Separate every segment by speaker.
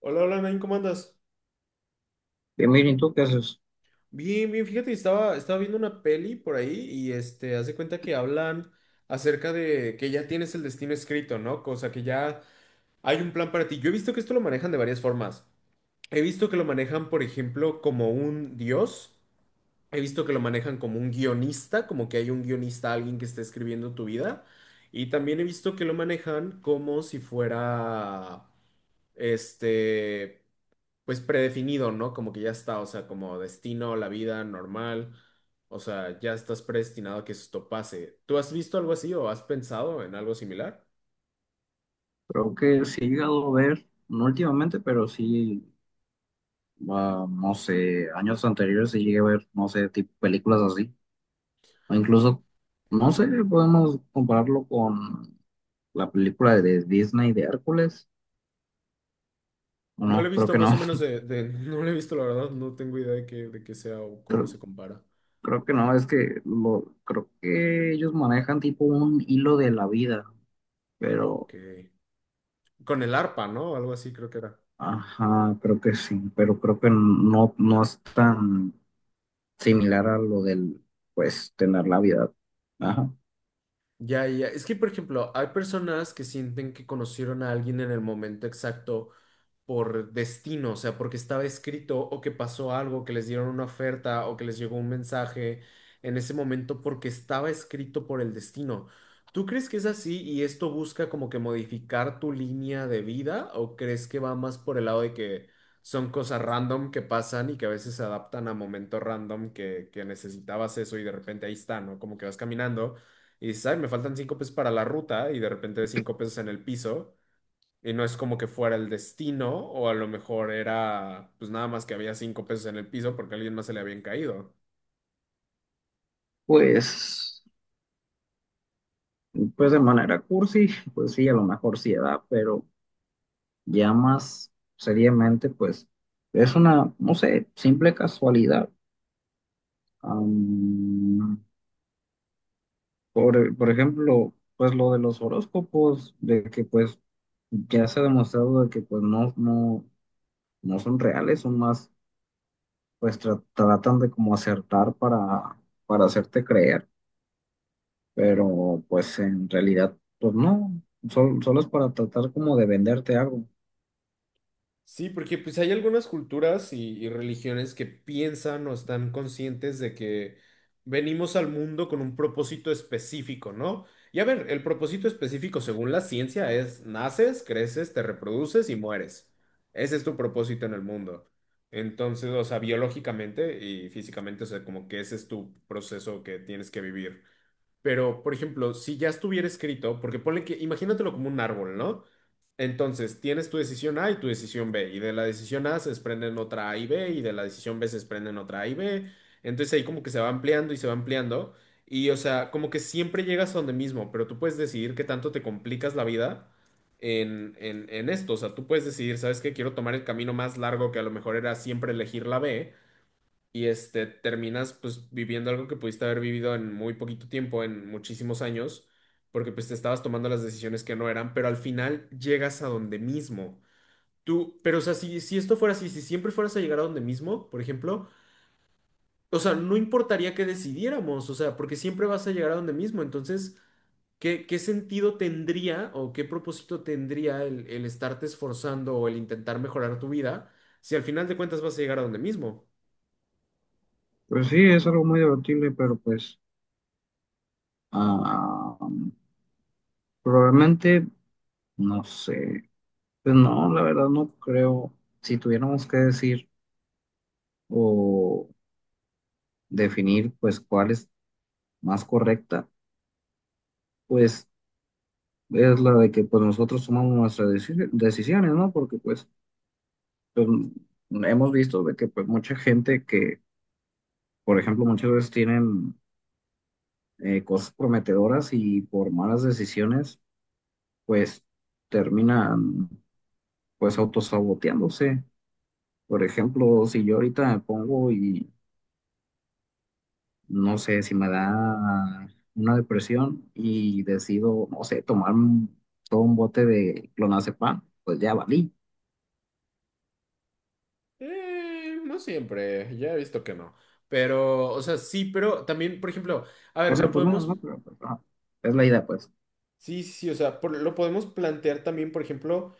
Speaker 1: Hola, hola, Nain, ¿cómo andas?
Speaker 2: Bien, Mirin, ¿tú qué haces?
Speaker 1: Bien, bien, fíjate, estaba viendo una peli por ahí y haz de cuenta que hablan acerca de que ya tienes el destino escrito, ¿no? Cosa que ya hay un plan para ti. Yo he visto que esto lo manejan de varias formas. He visto que lo manejan, por ejemplo, como un dios. He visto que lo manejan como un guionista, como que hay un guionista, alguien que está escribiendo tu vida. Y también he visto que lo manejan como si fuera, este, pues predefinido, ¿no? Como que ya está, o sea, como destino, la vida normal, o sea, ya estás predestinado a que esto pase. ¿Tú has visto algo así o has pensado en algo similar?
Speaker 2: Creo que sí he llegado a ver, no últimamente, pero sí, no sé, años anteriores sí llegué a ver, no sé, tipo películas así. O incluso, no sé, podemos compararlo con la película de Disney de Hércules. ¿O
Speaker 1: No lo he
Speaker 2: no? Creo
Speaker 1: visto
Speaker 2: que no.
Speaker 1: más o menos no lo he visto, la verdad, no tengo idea de qué sea o cómo se
Speaker 2: Creo,
Speaker 1: compara.
Speaker 2: creo que no, es que lo, creo que ellos manejan tipo un hilo de la vida, pero,
Speaker 1: Ok. Con el arpa, ¿no? Algo así creo que era.
Speaker 2: ajá, creo que sí, pero creo que no, no es tan similar a lo del, pues, tener la vida. Ajá.
Speaker 1: Ya, ya. Es que, por ejemplo, hay personas que sienten que conocieron a alguien en el momento exacto por destino, o sea, porque estaba escrito o que pasó algo, que les dieron una oferta o que les llegó un mensaje en ese momento porque estaba escrito por el destino. ¿Tú crees que es así y esto busca como que modificar tu línea de vida o crees que va más por el lado de que son cosas random que pasan y que a veces se adaptan a momentos random que necesitabas eso y de repente ahí está, ¿no? Como que vas caminando y dices, ay, me faltan cinco pesos para la ruta y de repente ves cinco pesos en el piso y no es como que fuera el destino, o a lo mejor era pues nada más que había cinco pesos en el piso porque a alguien más se le habían caído.
Speaker 2: Pues, pues de manera cursi, pues sí, a lo mejor sí da, pero ya más seriamente, pues, es una, no sé, simple casualidad. Am, por ejemplo, pues lo de los horóscopos, de que pues ya se ha demostrado de que pues no, no son reales, son más, pues tratan de como acertar para hacerte creer. Pero pues en realidad, pues no, solo es para tratar como de venderte algo.
Speaker 1: Sí, porque pues hay algunas culturas y religiones que piensan o están conscientes de que venimos al mundo con un propósito específico, ¿no? Y a ver, el propósito específico según la ciencia es naces, creces, te reproduces y mueres. Ese es tu propósito en el mundo. Entonces, o sea, biológicamente y físicamente, o sea, como que ese es tu proceso que tienes que vivir. Pero, por ejemplo, si ya estuviera escrito, porque ponle que, imagínatelo como un árbol, ¿no? Entonces, tienes tu decisión A y tu decisión B, y de la decisión A se desprenden otra A y B, y de la decisión B se desprenden otra A y B. Entonces ahí como que se va ampliando y se va ampliando, y o sea, como que siempre llegas a donde mismo, pero tú puedes decidir qué tanto te complicas la vida en esto. O sea, tú puedes decidir, ¿sabes qué? Quiero tomar el camino más largo que a lo mejor era siempre elegir la B y terminas pues viviendo algo que pudiste haber vivido en muy poquito tiempo, en muchísimos años, porque pues te estabas tomando las decisiones que no eran, pero al final llegas a donde mismo. Tú, pero o sea, si esto fuera así, si siempre fueras a llegar a donde mismo, por ejemplo, o sea, no importaría que decidiéramos, o sea, porque siempre vas a llegar a donde mismo, entonces, ¿ qué sentido tendría o qué propósito tendría el estarte esforzando o el intentar mejorar tu vida si al final de cuentas vas a llegar a donde mismo?
Speaker 2: Pues sí, es algo muy debatible, pero pues ah, probablemente, no sé, pues no, la verdad no creo, si tuviéramos que decir o definir pues cuál es más correcta, pues es la de que pues nosotros tomamos nuestras decisiones, ¿no? Porque pues, pues hemos visto de que pues mucha gente que, por ejemplo, muchas veces tienen cosas prometedoras y por malas decisiones, pues terminan pues autosaboteándose. Por ejemplo, si yo ahorita me pongo y no sé si me da una depresión y decido, no sé, tomar todo un bote de clonazepam, pues ya valí.
Speaker 1: No siempre, ya he visto que no. Pero, o sea, sí, pero también, por ejemplo, a
Speaker 2: O
Speaker 1: ver,
Speaker 2: sea,
Speaker 1: lo
Speaker 2: pues no,
Speaker 1: podemos,
Speaker 2: pero pues, ajá, es la idea, pues.
Speaker 1: sí, sí, sí, o sea, por- lo podemos plantear también, por ejemplo,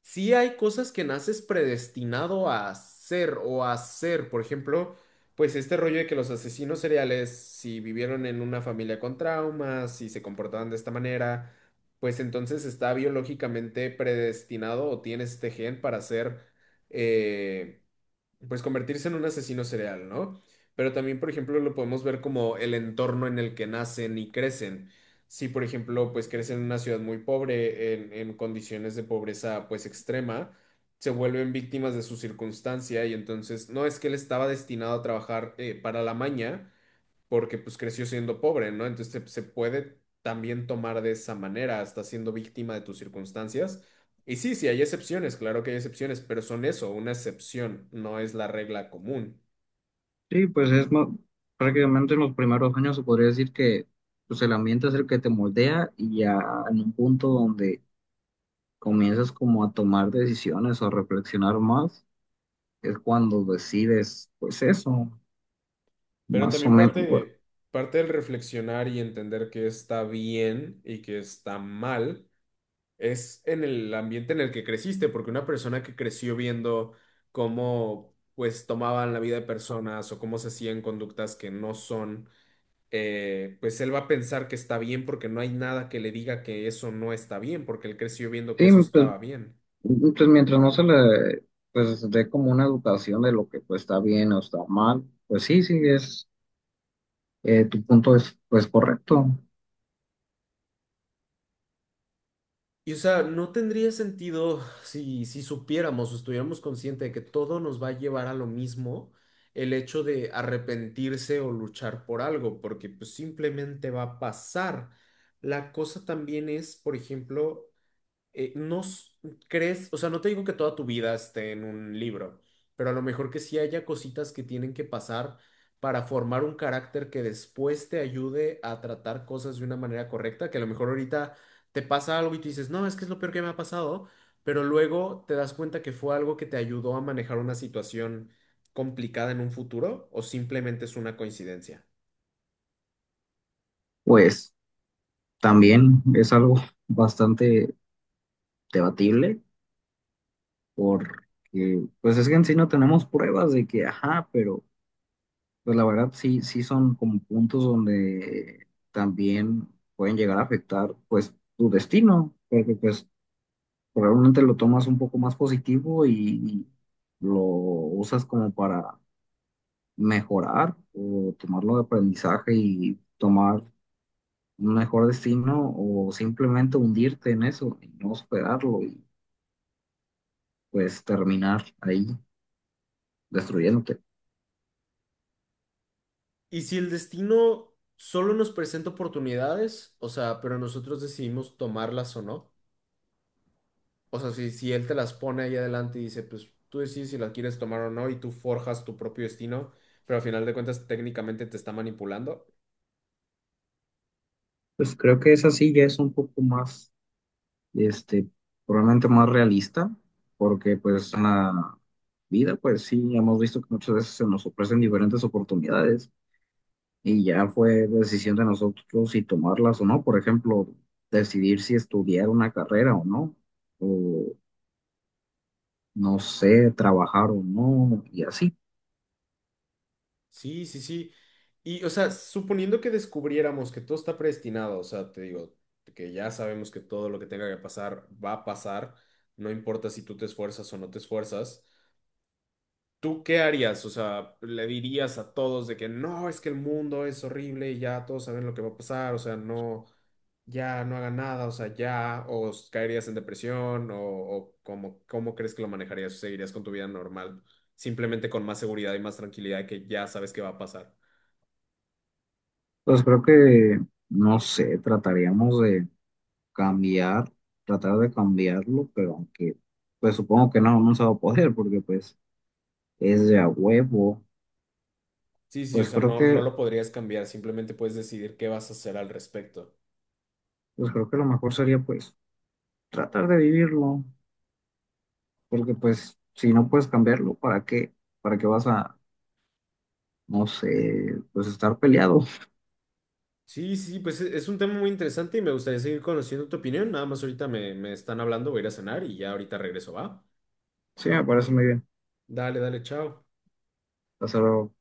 Speaker 1: sí hay cosas que naces predestinado a hacer o a hacer, por ejemplo, pues este rollo de que los asesinos seriales, si vivieron en una familia con traumas, si se comportaban de esta manera, pues entonces está biológicamente predestinado o tienes este gen para ser... eh, pues convertirse en un asesino serial, ¿no? Pero también, por ejemplo, lo podemos ver como el entorno en el que nacen y crecen. Si, por ejemplo, pues crecen en una ciudad muy pobre, en condiciones de pobreza pues extrema, se vuelven víctimas de su circunstancia y entonces no es que él estaba destinado a trabajar para la maña, porque pues creció siendo pobre, ¿no? Entonces se puede también tomar de esa manera, hasta siendo víctima de tus circunstancias. Y sí, sí, hay excepciones, claro que hay excepciones, pero son eso, una excepción, no es la regla común.
Speaker 2: Sí, pues es prácticamente en los primeros años se podría decir que pues el ambiente es el que te moldea y ya en un punto donde comienzas como a tomar decisiones o a reflexionar más, es cuando decides, pues eso,
Speaker 1: Pero
Speaker 2: más o
Speaker 1: también
Speaker 2: menos. Pues,
Speaker 1: parte, parte del reflexionar y entender que está bien y que está mal es en el ambiente en el que creciste, porque una persona que creció viendo cómo pues tomaban la vida de personas o cómo se hacían conductas que no son pues él va a pensar que está bien porque no hay nada que le diga que eso no está bien, porque él creció viendo que
Speaker 2: sí,
Speaker 1: eso
Speaker 2: pues,
Speaker 1: estaba bien.
Speaker 2: pues mientras no se le pues dé como una educación de lo que pues está bien o está mal, pues sí, sí, es, tu punto es pues correcto.
Speaker 1: Y o sea, no tendría sentido si, si supiéramos o estuviéramos conscientes de que todo nos va a llevar a lo mismo, el hecho de arrepentirse o luchar por algo, porque pues simplemente va a pasar. La cosa también es, por ejemplo, no s- crees, o sea, no te digo que toda tu vida esté en un libro, pero a lo mejor que sí haya cositas que tienen que pasar para formar un carácter que después te ayude a tratar cosas de una manera correcta, que a lo mejor ahorita te pasa algo y tú dices, no, es que es lo peor que me ha pasado, pero luego te das cuenta que fue algo que te ayudó a manejar una situación complicada en un futuro o simplemente es una coincidencia.
Speaker 2: Pues también es algo bastante debatible porque pues es que en sí no tenemos pruebas de que, ajá, pero pues la verdad sí, sí son como puntos donde también pueden llegar a afectar pues tu destino, porque pues probablemente lo tomas un poco más positivo y lo usas como para mejorar o tomarlo de aprendizaje y tomar un mejor destino o simplemente hundirte en eso y no superarlo y pues terminar ahí destruyéndote.
Speaker 1: Y si el destino solo nos presenta oportunidades, o sea, pero nosotros decidimos tomarlas o no. O sea, si, si él te las pone ahí adelante y dice, pues tú decides si las quieres tomar o no y tú forjas tu propio destino, pero al final de cuentas técnicamente te está manipulando.
Speaker 2: Pues creo que esa sí ya es un poco más este, probablemente más realista, porque pues en la vida, pues sí, hemos visto que muchas veces se nos ofrecen diferentes oportunidades y ya fue decisión de nosotros si tomarlas o no, por ejemplo, decidir si estudiar una carrera o no sé, trabajar o no, y así.
Speaker 1: Sí, sí, sí. Y, o sea, suponiendo que descubriéramos que todo está predestinado, o sea, te digo, que ya sabemos que todo lo que tenga que pasar va a pasar, no importa si tú te esfuerzas o no te esfuerzas. ¿Tú qué harías? O sea, le dirías a todos de que no, es que el mundo es horrible y ya todos saben lo que va a pasar, o sea, no, ya no hagan nada, o sea, ya, o s- caerías en depresión, o cómo, cómo crees que lo manejarías, seguirías con tu vida normal, simplemente con más seguridad y más tranquilidad que ya sabes qué va a pasar.
Speaker 2: Pues creo que, no sé, trataríamos de cambiar, tratar de cambiarlo, pero aunque, pues supongo que no, no se va a poder porque pues es de a huevo.
Speaker 1: Sí, sí, o
Speaker 2: Pues
Speaker 1: sea,
Speaker 2: creo
Speaker 1: no, no
Speaker 2: que,
Speaker 1: lo podrías cambiar, simplemente puedes decidir qué vas a hacer al respecto.
Speaker 2: pues creo que lo mejor sería pues tratar de vivirlo, porque pues si no puedes cambiarlo, ¿para qué? ¿Para qué vas a, no sé, pues estar peleado?
Speaker 1: Sí, sí, pues e- es un tema muy interesante y me gustaría seguir conociendo tu opinión. Nada más ahorita me están hablando, voy a ir a cenar y ya ahorita regreso, ¿va?
Speaker 2: Sí, me parece muy bien.
Speaker 1: Dale, dale, chao.
Speaker 2: Hacerlo.